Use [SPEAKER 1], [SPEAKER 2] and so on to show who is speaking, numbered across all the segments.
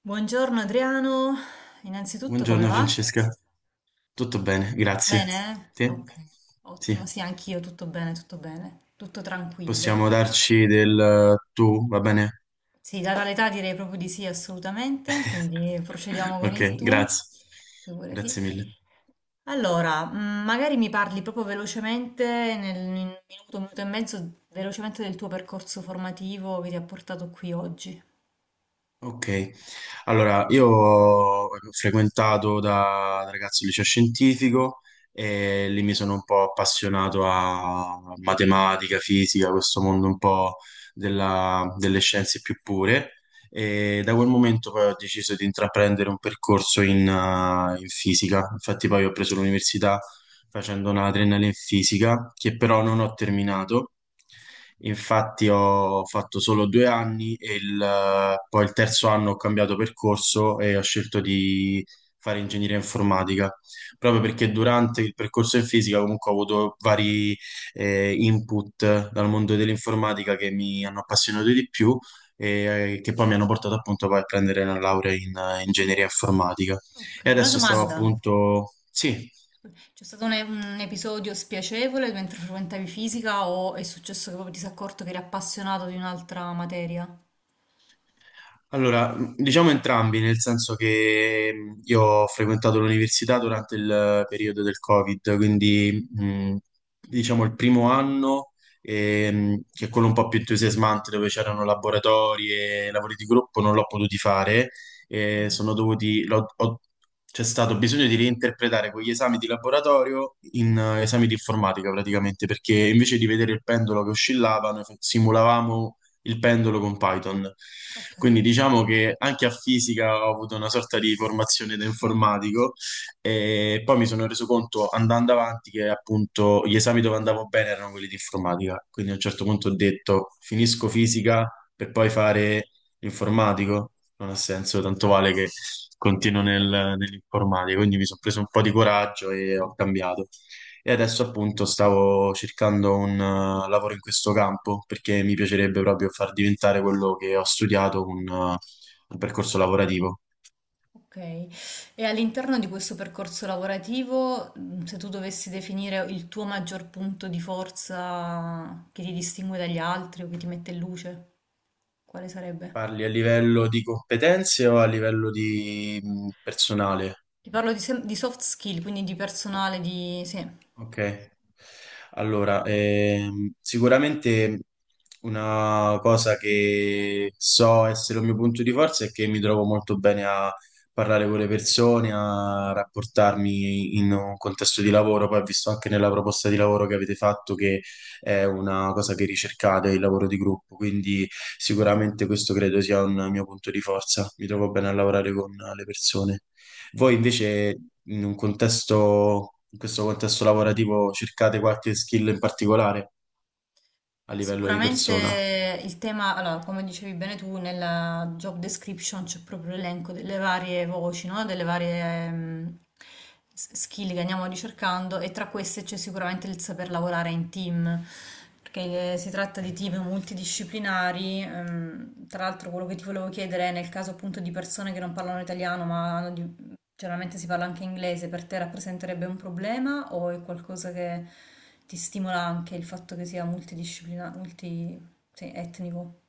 [SPEAKER 1] Buongiorno Adriano, innanzitutto come
[SPEAKER 2] Buongiorno
[SPEAKER 1] va?
[SPEAKER 2] Francesca, tutto bene, grazie.
[SPEAKER 1] Bene? Eh?
[SPEAKER 2] Te?
[SPEAKER 1] Ok,
[SPEAKER 2] Sì,
[SPEAKER 1] ottimo, sì, anch'io tutto bene, tutto bene, tutto
[SPEAKER 2] possiamo
[SPEAKER 1] tranquillo.
[SPEAKER 2] darci del tu, va bene?
[SPEAKER 1] Sì, data l'età direi proprio di sì, assolutamente, quindi procediamo con
[SPEAKER 2] Ok,
[SPEAKER 1] il tu,
[SPEAKER 2] grazie.
[SPEAKER 1] figurati.
[SPEAKER 2] Grazie mille.
[SPEAKER 1] Allora, magari mi parli proprio velocemente, nel in un minuto e mezzo, velocemente del tuo percorso formativo che ti ha portato qui oggi.
[SPEAKER 2] Ok, allora io ho frequentato da ragazzo il liceo scientifico e lì mi sono un po' appassionato a matematica, fisica, questo mondo un po' delle scienze più pure, e da quel momento poi ho deciso di intraprendere un percorso in fisica. Infatti poi ho preso l'università facendo una triennale in fisica che però non ho terminato. Infatti ho fatto solo due anni e poi il terzo anno ho cambiato percorso e ho scelto di fare ingegneria informatica, proprio perché durante il percorso in fisica comunque ho avuto vari input dal mondo dell'informatica che mi hanno appassionato di più e che poi mi hanno portato appunto poi a prendere la laurea in ingegneria informatica.
[SPEAKER 1] Ok,
[SPEAKER 2] E
[SPEAKER 1] una
[SPEAKER 2] adesso stavo
[SPEAKER 1] domanda.
[SPEAKER 2] appunto, sì.
[SPEAKER 1] C'è stato un episodio spiacevole mentre frequentavi fisica o è successo che proprio ti sei accorto che eri appassionato di un'altra materia?
[SPEAKER 2] Allora, diciamo entrambi, nel senso che io ho frequentato l'università durante il periodo del Covid, quindi diciamo il primo anno, che è quello un po' più entusiasmante, dove c'erano laboratori e lavori di gruppo, non l'ho potuti fare, e
[SPEAKER 1] Mhm.
[SPEAKER 2] sono dovuti, c'è stato bisogno di reinterpretare quegli esami di laboratorio in esami di informatica praticamente, perché invece di vedere il pendolo che oscillava, noi simulavamo il pendolo con Python.
[SPEAKER 1] Ok,
[SPEAKER 2] Quindi diciamo che anche a fisica ho avuto una sorta di formazione da informatico, e poi mi sono reso conto andando avanti che appunto gli esami dove andavo bene erano quelli di informatica. Quindi a un certo punto ho detto finisco fisica per poi fare informatico. Non ha senso, tanto vale che continuo nell'informatica. Quindi mi sono preso un po' di coraggio e ho cambiato. E adesso appunto stavo cercando un lavoro in questo campo perché mi piacerebbe proprio far diventare quello che ho studiato un, percorso lavorativo.
[SPEAKER 1] ok. E all'interno di questo percorso lavorativo, se tu dovessi definire il tuo maggior punto di forza che ti distingue dagli altri o che ti mette in luce, quale sarebbe?
[SPEAKER 2] Parli a livello di competenze o a livello di personale?
[SPEAKER 1] Ti parlo di, di soft skill, quindi di personale, di... Sì.
[SPEAKER 2] Ok, allora, sicuramente una cosa che so essere un mio punto di forza è che mi trovo molto bene a parlare con le persone, a rapportarmi in un contesto di lavoro. Poi ho visto anche nella proposta di lavoro che avete fatto che è una cosa che ricercate, il lavoro di gruppo, quindi
[SPEAKER 1] Mm-hmm.
[SPEAKER 2] sicuramente questo credo sia un mio punto di forza. Mi trovo bene a lavorare con le persone. Voi invece in questo contesto lavorativo cercate qualche skill in particolare a livello di persona?
[SPEAKER 1] Sicuramente il tema, allora, come dicevi bene tu, nella job description c'è proprio l'elenco delle varie voci, no? Delle varie ehm, skill che andiamo ricercando e tra queste c'è sicuramente il saper lavorare in team, perché si tratta di team multidisciplinari. Tra l'altro quello che ti volevo chiedere è nel caso appunto di persone che non parlano italiano ma hanno di... Generalmente si parla anche inglese, per te rappresenterebbe un problema o è qualcosa che ti stimola anche il fatto che sia multidisciplinare, multi, sì, etnico?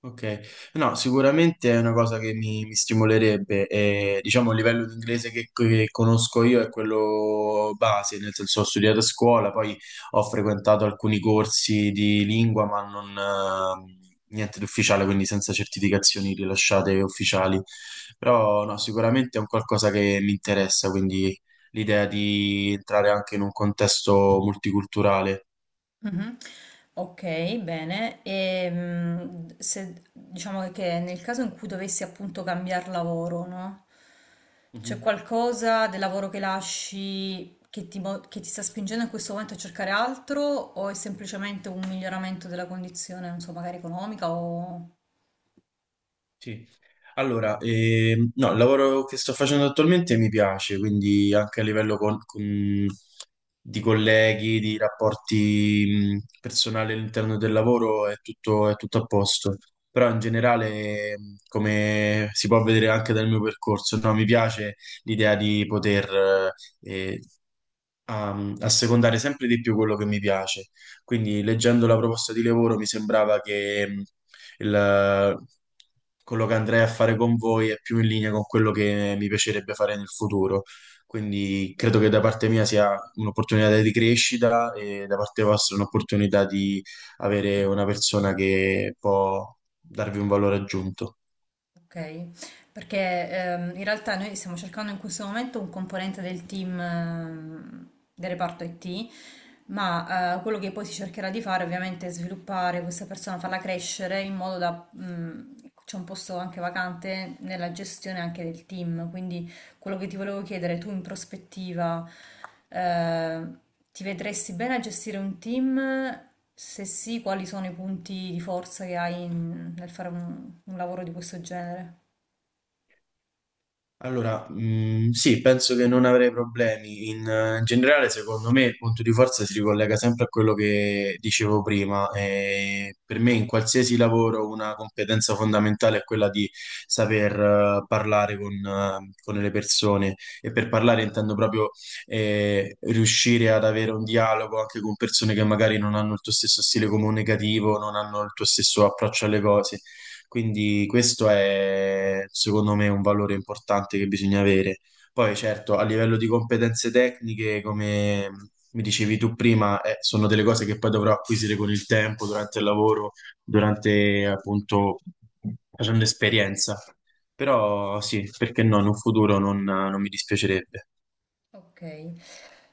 [SPEAKER 2] Ok, no, sicuramente è una cosa che mi stimolerebbe. E, diciamo, il livello di inglese che conosco io è quello base, nel senso ho studiato a scuola, poi ho frequentato alcuni corsi di lingua, ma non, niente di ufficiale, quindi senza certificazioni rilasciate ufficiali. Però no, sicuramente è un qualcosa che mi interessa, quindi l'idea di entrare anche in un contesto multiculturale.
[SPEAKER 1] Mhm. Ok, bene. E se diciamo che nel caso in cui dovessi appunto cambiare lavoro, no? C'è
[SPEAKER 2] Mhm,
[SPEAKER 1] qualcosa del lavoro che lasci che che ti sta spingendo in questo momento a cercare altro o è semplicemente un miglioramento della condizione, non so, magari economica o...
[SPEAKER 2] sì. Allora, no, il lavoro che sto facendo attualmente mi piace, quindi anche a livello di colleghi, di rapporti personali all'interno del lavoro è tutto a posto. Però in generale, come si può vedere anche dal mio percorso, no, mi piace l'idea di poter, eh, a secondare sempre di più quello che mi piace. Quindi leggendo la proposta di lavoro mi sembrava che il- quello che andrei a fare con voi è più in linea con quello che mi piacerebbe fare nel futuro. Quindi credo che da parte mia sia un'opportunità di crescita e da parte vostra un'opportunità di avere una persona che può darvi un valore aggiunto.
[SPEAKER 1] Ok, perché in realtà noi stiamo cercando in questo momento un componente del team del reparto IT, ma quello che poi si cercherà di fare ovviamente è sviluppare questa persona, farla crescere in modo da... c'è un posto anche vacante nella gestione anche del team, quindi quello che ti volevo chiedere, tu in prospettiva, eh, ti vedresti bene a gestire un team? Se sì, quali sono i punti di forza che hai nel fare un lavoro di questo genere?
[SPEAKER 2] Allora, sì, penso che non avrei problemi. In generale, secondo me, il punto di forza si ricollega sempre a quello che dicevo prima. E per me, in qualsiasi lavoro, una competenza fondamentale è quella di saper, parlare con le persone. E per parlare intendo proprio, riuscire ad avere un dialogo anche con persone che magari non hanno il tuo stesso stile comunicativo, non hanno il tuo stesso approccio alle cose. Quindi questo è secondo me un valore importante che bisogna avere. Poi certo, a livello di competenze tecniche, come mi dicevi tu prima, sono delle cose che poi dovrò acquisire con il tempo, durante il lavoro, durante appunto facendo esperienza. Però sì, perché no, in un futuro non mi dispiacerebbe.
[SPEAKER 1] Ok.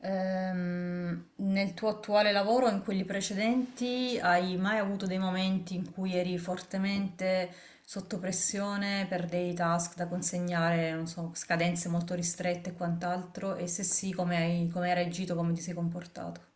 [SPEAKER 1] Nel tuo attuale lavoro, o in quelli precedenti, hai mai avuto dei momenti in cui eri fortemente sotto pressione per dei task da consegnare, non so, scadenze molto ristrette e quant'altro? E se sì, come hai reagito, come ti sei comportato?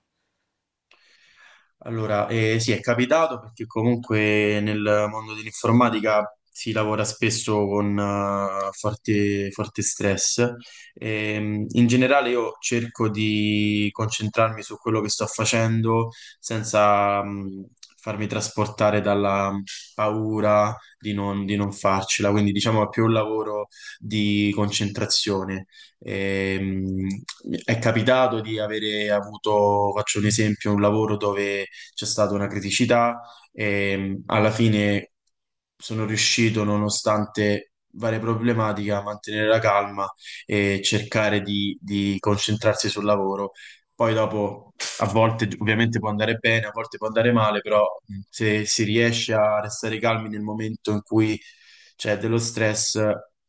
[SPEAKER 2] Allora, sì, è capitato perché comunque nel mondo dell'informatica si lavora spesso con forte, forte stress. In generale io cerco di concentrarmi su quello che sto facendo senza farmi trasportare dalla paura di non farcela, quindi diciamo è più un lavoro di concentrazione. Ehm, è capitato di avere avuto, faccio un esempio, un lavoro dove c'è stata una criticità e alla fine sono riuscito, nonostante varie problematiche, a mantenere la calma e cercare di concentrarsi sul lavoro. Poi dopo, a volte ovviamente può andare bene, a volte può andare male, però se si riesce a restare calmi nel momento in cui c'è dello stress,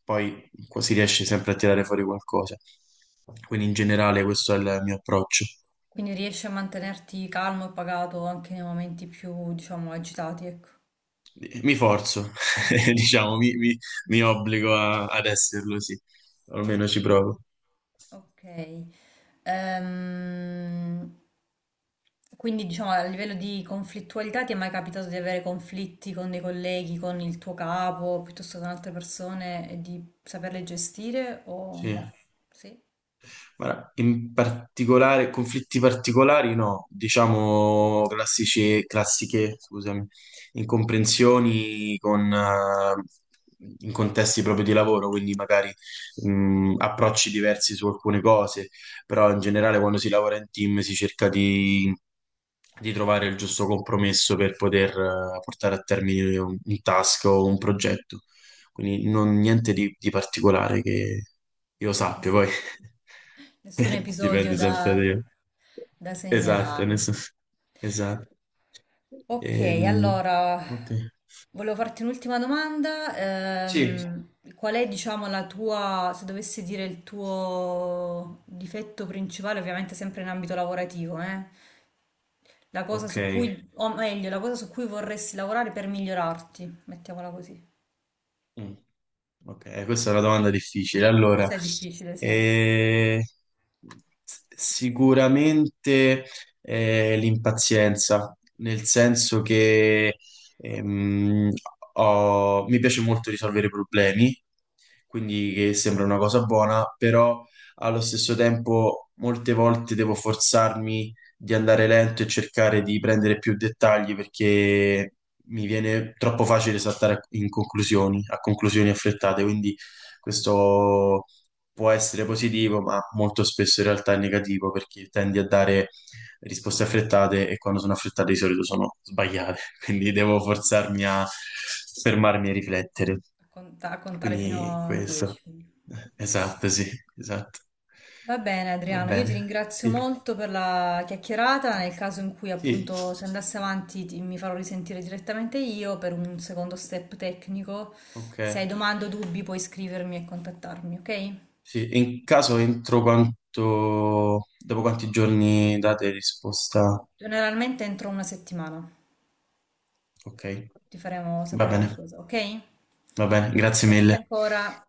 [SPEAKER 2] poi si riesce sempre a tirare fuori qualcosa. Quindi in generale questo è il mio approccio.
[SPEAKER 1] Quindi riesci a mantenerti calmo e pagato anche nei momenti più, diciamo, agitati, ecco.
[SPEAKER 2] Mi forzo,
[SPEAKER 1] Sì, sì.
[SPEAKER 2] diciamo, mi,
[SPEAKER 1] Bene.
[SPEAKER 2] mi- mi obbligo ad esserlo, sì. Almeno ci provo.
[SPEAKER 1] Ok. Ehm, quindi diciamo a livello di conflittualità ti è mai capitato di avere conflitti con dei colleghi, con il tuo capo, piuttosto con altre persone e di saperle gestire o
[SPEAKER 2] Sì.
[SPEAKER 1] no? Sì? Ok,
[SPEAKER 2] Guarda, in particolare, conflitti particolari no, diciamo classici, classiche, scusami, incomprensioni in contesti proprio di lavoro, quindi magari approcci diversi su alcune cose, però in generale quando si lavora in team si cerca di trovare il giusto compromesso per poter portare a termine un task o un progetto. Quindi niente di particolare che io sappia, poi
[SPEAKER 1] ness- nessun episodio
[SPEAKER 2] dipende
[SPEAKER 1] da
[SPEAKER 2] sempre da io. Esatto,
[SPEAKER 1] segnalare.
[SPEAKER 2] nessuno. Esatto.
[SPEAKER 1] Ok,
[SPEAKER 2] Ehm,
[SPEAKER 1] allora
[SPEAKER 2] ok.
[SPEAKER 1] volevo farti un'ultima domanda.
[SPEAKER 2] Sì,
[SPEAKER 1] Qual è, diciamo, la tua, se dovessi dire il tuo difetto principale, ovviamente sempre in ambito lavorativo, eh? La cosa
[SPEAKER 2] ok.
[SPEAKER 1] su cui, o meglio, la cosa su cui vorresti lavorare per migliorarti, mettiamola così.
[SPEAKER 2] Mm. Ok, questa è una domanda difficile. Allora,
[SPEAKER 1] Questo è difficile, sì, a
[SPEAKER 2] eh, sicuramente l'impazienza, nel senso che ehm, mi piace molto risolvere problemi, quindi che sembra una cosa buona, però allo stesso tempo molte volte devo forzarmi di andare lento e cercare di prendere più dettagli perché mi viene troppo facile saltare in conclusioni, a conclusioni affrettate, quindi questo può essere positivo, ma molto spesso in realtà è negativo perché tendi a dare risposte affrettate e quando sono affrettate di solito sono sbagliate, quindi devo forzarmi a fermarmi e riflettere.
[SPEAKER 1] a contare fino
[SPEAKER 2] Quindi
[SPEAKER 1] a 10.
[SPEAKER 2] questo.
[SPEAKER 1] Quindi.
[SPEAKER 2] Esatto, sì, esatto.
[SPEAKER 1] Va bene
[SPEAKER 2] Va
[SPEAKER 1] Adriano, io ti
[SPEAKER 2] bene,
[SPEAKER 1] ringrazio
[SPEAKER 2] sì,
[SPEAKER 1] molto per la chiacchierata. Nel caso in cui
[SPEAKER 2] sì,
[SPEAKER 1] appunto si andasse avanti mi farò risentire direttamente io per un secondo step tecnico.
[SPEAKER 2] ok.
[SPEAKER 1] Se hai domande o dubbi puoi scrivermi e contattarmi, ok?
[SPEAKER 2] Sì, e in caso dopo quanti giorni date risposta?
[SPEAKER 1] Generalmente entro una settimana
[SPEAKER 2] Ok,
[SPEAKER 1] ti faremo
[SPEAKER 2] va
[SPEAKER 1] sapere
[SPEAKER 2] bene,
[SPEAKER 1] qualcosa, ok?
[SPEAKER 2] va bene, grazie mille.
[SPEAKER 1] Grazie ancora.